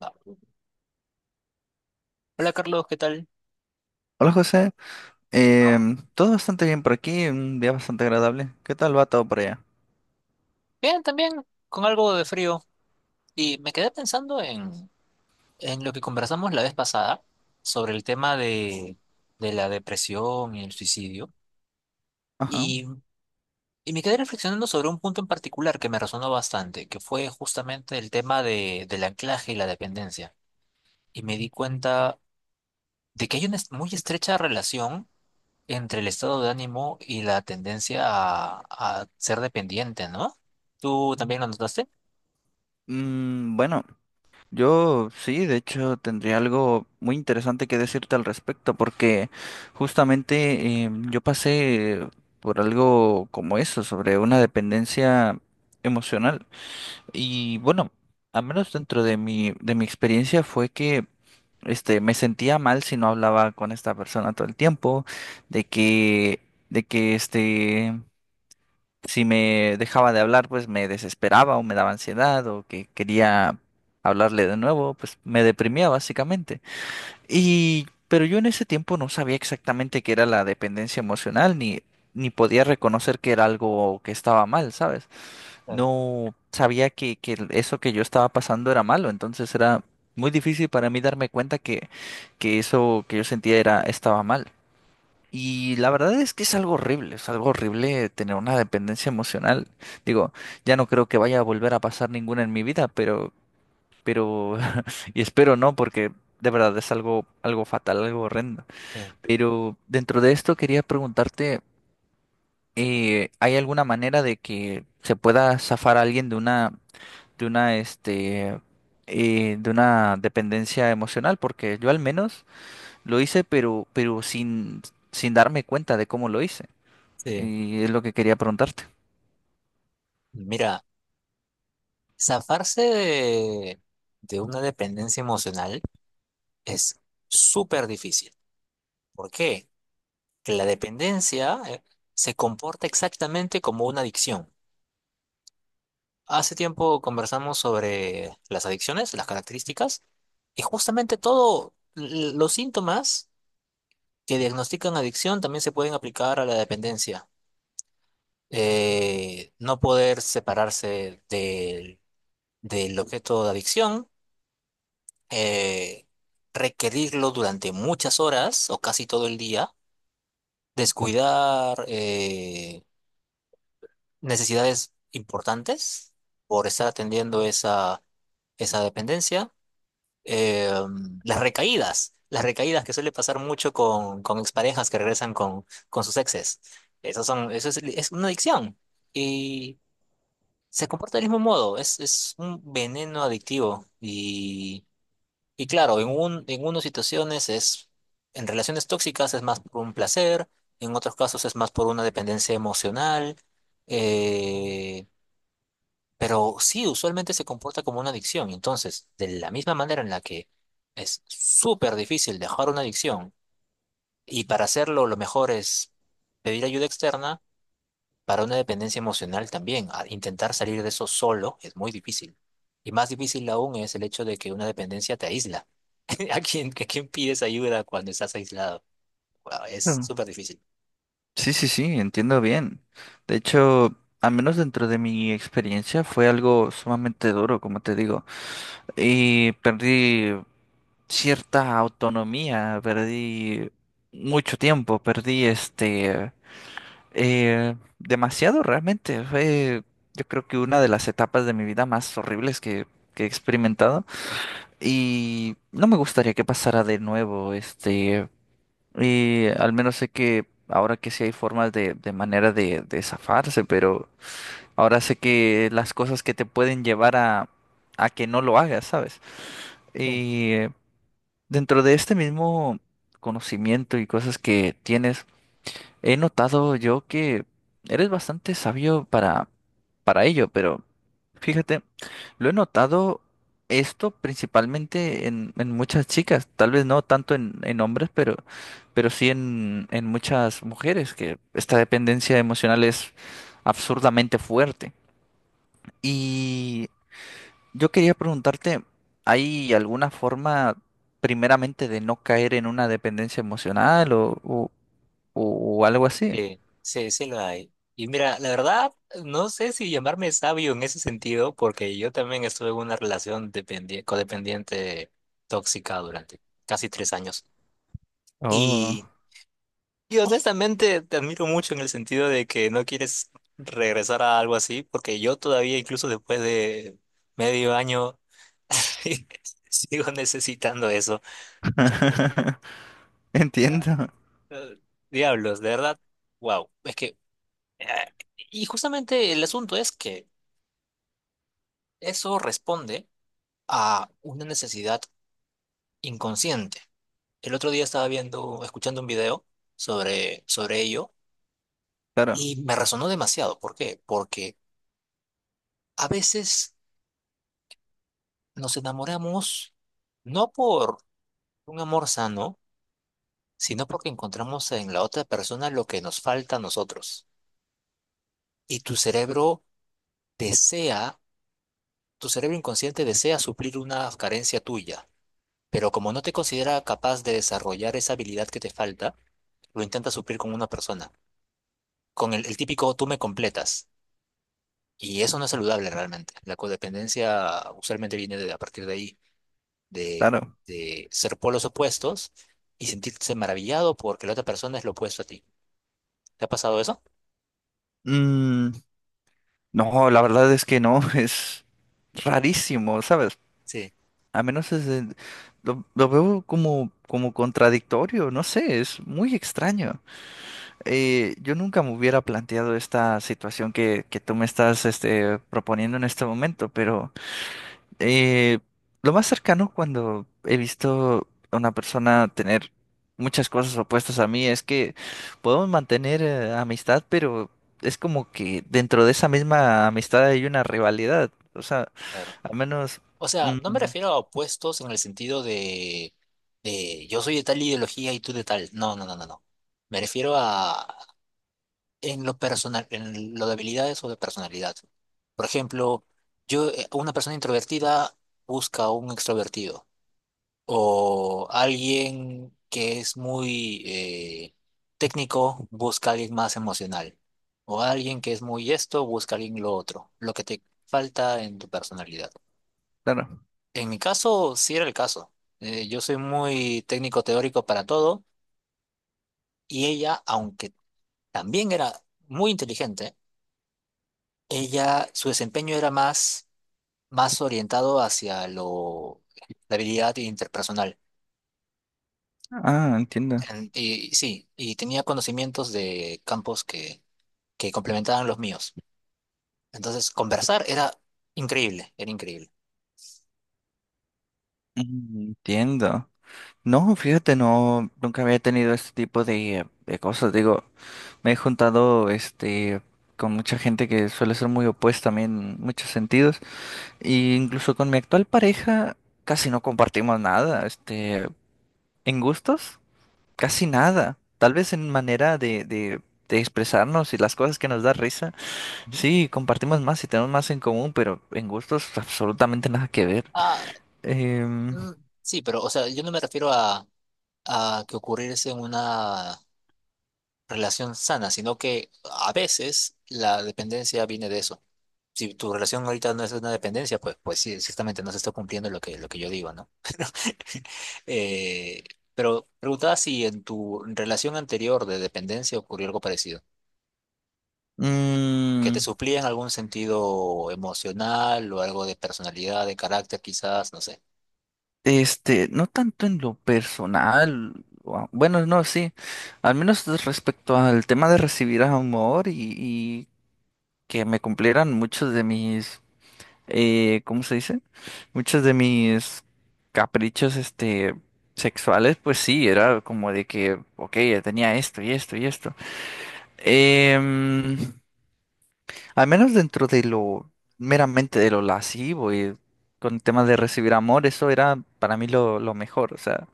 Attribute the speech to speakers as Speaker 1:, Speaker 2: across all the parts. Speaker 1: Ah, Hola Carlos, ¿qué tal?
Speaker 2: Hola José. Todo bastante bien por aquí, un día bastante agradable. ¿Qué tal va todo por allá?
Speaker 1: Bien, también con algo de frío. Y me quedé pensando en lo que conversamos la vez pasada sobre el tema de la depresión y el suicidio.
Speaker 2: Ajá.
Speaker 1: Y, y me quedé reflexionando sobre un punto en particular que me resonó bastante, que fue justamente el tema del anclaje y la dependencia. Y me di cuenta de que hay muy estrecha relación entre el estado de ánimo y la tendencia a ser dependiente, ¿no? ¿Tú también lo notaste?
Speaker 2: Mm, bueno, yo sí, de hecho tendría algo muy interesante que decirte al respecto porque justamente yo pasé por algo como eso, sobre una dependencia emocional. Y bueno, al menos dentro de mi experiencia fue que me sentía mal si no hablaba con esta persona todo el tiempo, de que, de que este, si me dejaba de hablar, pues me desesperaba o me daba ansiedad o que quería hablarle de nuevo, pues me deprimía básicamente. Y, pero yo en ese tiempo no sabía exactamente qué era la dependencia emocional, ni podía reconocer que era algo que estaba mal, ¿sabes?
Speaker 1: Claro.
Speaker 2: No sabía que eso que yo estaba pasando era malo, entonces era muy difícil para mí darme cuenta que eso que yo sentía era, estaba mal. Y la verdad es que es algo horrible tener una dependencia emocional. Digo, ya no creo que vaya a volver a pasar ninguna en mi vida, pero, y espero no, porque de verdad es algo, algo fatal, algo horrendo.
Speaker 1: Sí.
Speaker 2: Pero dentro de esto quería preguntarte, ¿hay alguna manera de que se pueda zafar a alguien de de una, este, de una dependencia emocional, porque yo al menos lo hice, pero sin darme cuenta de cómo lo hice.
Speaker 1: Sí,
Speaker 2: Y es lo que quería preguntarte.
Speaker 1: mira, zafarse de una dependencia emocional es súper difícil. ¿Por qué? Que la dependencia se comporta exactamente como una adicción. Hace tiempo conversamos sobre las adicciones, las características, y justamente todos los síntomas que diagnostican adicción también se pueden aplicar a la dependencia. No poder separarse del objeto de adicción eh, requerirlo durante muchas horas o casi todo el día, descuidar necesidades importantes por estar atendiendo esa dependencia, eh, las recaídas que suele pasar mucho con exparejas que regresan con sus exes. Esas son, eso es una adicción y se comporta del mismo modo, es un veneno adictivo y... Y claro, en unas situaciones es, en relaciones tóxicas es más por un placer, en otros casos es más por una dependencia emocional, eh, pero sí, usualmente se comporta como una adicción. Entonces, de la misma manera en la que es súper difícil dejar una adicción y para hacerlo lo mejor es pedir ayuda externa, para una dependencia emocional también, intentar salir de eso solo es muy difícil. Y más difícil aún es el hecho de que una dependencia te aísla. A quién pides ayuda cuando estás aislado? Guau, es
Speaker 2: Claro.
Speaker 1: súper difícil.
Speaker 2: Sí, entiendo bien. De hecho, al menos dentro de mi experiencia fue algo sumamente duro, como te digo. Y perdí cierta autonomía, perdí mucho tiempo, perdí demasiado realmente. Fue, yo creo que una de las etapas de mi vida más horribles que he experimentado. Y no me gustaría que pasara de nuevo. Y al menos sé que ahora que sí hay formas de zafarse, pero ahora sé que las cosas que te pueden llevar a que no lo hagas, ¿sabes?
Speaker 1: Sí.
Speaker 2: Y eh, dentro de este mismo conocimiento y cosas que tienes he notado yo que eres bastante sabio para ello, pero fíjate, lo he notado esto principalmente en muchas chicas, tal vez no tanto en hombres, pero sí en muchas mujeres, que esta dependencia emocional es absurdamente fuerte. Y yo quería preguntarte, ¿hay alguna forma primeramente de no caer en una dependencia emocional o algo así?
Speaker 1: Sí, sí lo hay. Y mira, la verdad, no sé si llamarme sabio en ese sentido, porque yo también estuve en una relación codependiente tóxica durante casi 3 años.
Speaker 2: Oh.
Speaker 1: y Y honestamente te admiro mucho en el sentido de que no quieres regresar a algo así, porque yo todavía, incluso después de medio año, sigo necesitando eso. Ya.
Speaker 2: Entiendo.
Speaker 1: Eh, diablos, de verdad, wow. Es que, eh, y justamente el asunto es que eso responde a una necesidad inconsciente. El otro día estaba viendo, escuchando un video sobre ello
Speaker 2: Claro,
Speaker 1: y me resonó demasiado. ¿Por qué? Porque a veces. Nos enamoramos no por un amor sano, sino porque encontramos en la otra persona lo que nos falta a nosotros. Y tu cerebro desea, tu cerebro inconsciente desea suplir una carencia tuya, pero como no te considera capaz de desarrollar esa habilidad que te falta, lo intenta suplir con una persona, con el típico tú me completas. Y eso no es saludable realmente. La codependencia usualmente viene de, a partir de ahí. de,
Speaker 2: claro.
Speaker 1: de ser polos opuestos y sentirse maravillado porque la otra persona es lo opuesto a ti. ¿Te ha pasado eso?
Speaker 2: Mm, no, la verdad es que no, es rarísimo, ¿sabes?
Speaker 1: Sí,
Speaker 2: A menos es lo veo como, como contradictorio, no sé, es muy extraño. Yo nunca me hubiera planteado esta situación que tú me estás proponiendo en este momento, pero... Eh, lo más cercano cuando he visto a una persona tener muchas cosas opuestas a mí es que podemos mantener amistad, pero es como que dentro de esa misma amistad hay una rivalidad. O sea,
Speaker 1: claro.
Speaker 2: al menos...
Speaker 1: O sea,
Speaker 2: Mm,
Speaker 1: no me refiero a opuestos en el sentido de yo soy de tal ideología y tú de tal. No, no, no, no, no. Me refiero a en lo personal, en lo de habilidades o de personalidad. Por ejemplo, yo, una persona introvertida busca a un extrovertido, o alguien que es muy técnico busca a alguien más emocional, o alguien que es muy esto busca a alguien lo otro, lo que te falta en tu personalidad.
Speaker 2: claro.
Speaker 1: En mi caso, sí era el caso. Yo soy muy técnico teórico para todo y ella, aunque también era muy inteligente, ella, su desempeño era más, más orientado hacia lo, la habilidad interpersonal.
Speaker 2: Ah, entiendo.
Speaker 1: Y sí, y tenía conocimientos de campos que complementaban los míos. Entonces, conversar era increíble, era increíble.
Speaker 2: Mm, entiendo. No, fíjate, no, nunca había tenido este tipo de cosas. Digo, me he juntado con mucha gente que suele ser muy opuesta a mí en muchos sentidos. Y incluso con mi actual pareja casi no compartimos nada, en gustos, casi nada. Tal vez en manera de expresarnos y las cosas que nos da risa,
Speaker 1: Ujú.
Speaker 2: sí, compartimos más y tenemos más en común, pero en gustos absolutamente nada que ver.
Speaker 1: Ah,
Speaker 2: Em,
Speaker 1: mm, sí, pero, o sea, yo no me refiero a que ocurriese una relación sana, sino que a veces la dependencia viene de eso. Si tu relación ahorita no es una dependencia, pues, pues sí, ciertamente no se está cumpliendo lo que yo digo, ¿no? Eh, pero preguntaba si en tu relación anterior de dependencia ocurrió algo parecido. Que te
Speaker 2: mm,
Speaker 1: suplía en algún sentido emocional o algo de personalidad, de carácter quizás, no sé.
Speaker 2: no tanto en lo personal, o a- bueno, no, sí, al menos respecto al tema de recibir amor y que me cumplieran muchos de mis ¿cómo se dice? Muchos de mis caprichos, sexuales, pues sí, era como de que, ok, ya tenía esto y esto y esto. Em, Al menos dentro de lo meramente de lo lascivo y con temas de recibir amor, eso era para mí lo mejor. O sea,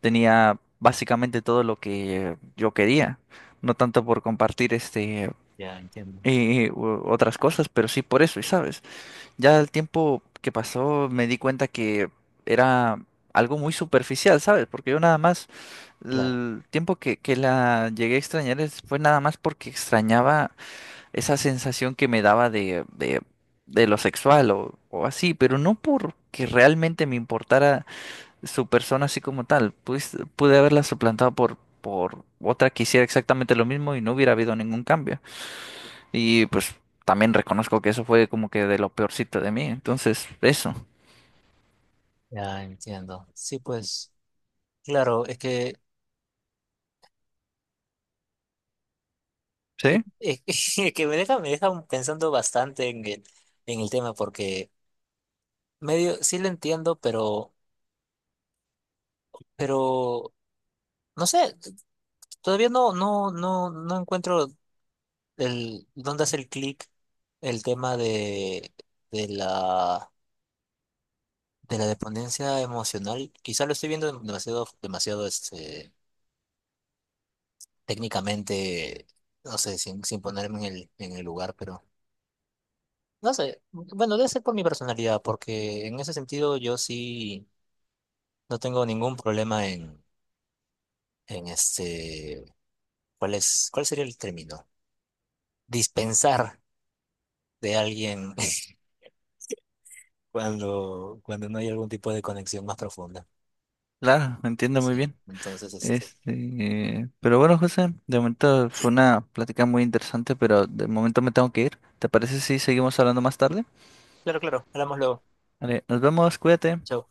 Speaker 2: tenía básicamente todo lo que yo quería. No tanto por compartir
Speaker 1: Ya entiendo,
Speaker 2: y otras cosas, pero sí por eso, y sabes. Ya el tiempo que pasó me di cuenta que era algo muy superficial, ¿sabes? Porque yo nada más,
Speaker 1: claro,
Speaker 2: el tiempo que la llegué a extrañar fue nada más porque extrañaba esa sensación que me daba de lo sexual o así, pero no porque realmente me importara su persona así como tal. Pues, pude haberla suplantado por otra que hiciera exactamente lo mismo y no hubiera habido ningún cambio. Y pues también reconozco que eso fue como que de lo peorcito de mí. Entonces, eso.
Speaker 1: ya entiendo. Sí, pues, claro, es que,
Speaker 2: Sí,
Speaker 1: es que me deja pensando bastante en el tema porque medio, sí lo entiendo, pero, no sé, todavía no, no, no, no encuentro el, dónde hacer clic el tema de la de la dependencia emocional, quizá lo estoy viendo demasiado, demasiado este, técnicamente, no sé, sin, sin ponerme en el lugar, pero no sé, bueno, debe ser por mi personalidad, porque en ese sentido yo sí no tengo ningún problema en este, ¿cuál es, cuál sería el término? Dispensar de alguien cuando, cuando no hay algún tipo de conexión más profunda.
Speaker 2: claro, entiendo muy
Speaker 1: Sí,
Speaker 2: bien.
Speaker 1: entonces, este,
Speaker 2: Pero bueno, José, de momento fue una plática muy interesante, pero de momento me tengo que ir. ¿Te parece si seguimos hablando más tarde?
Speaker 1: claro, claro, hablamos luego.
Speaker 2: Vale, nos vemos, cuídate.
Speaker 1: Chao.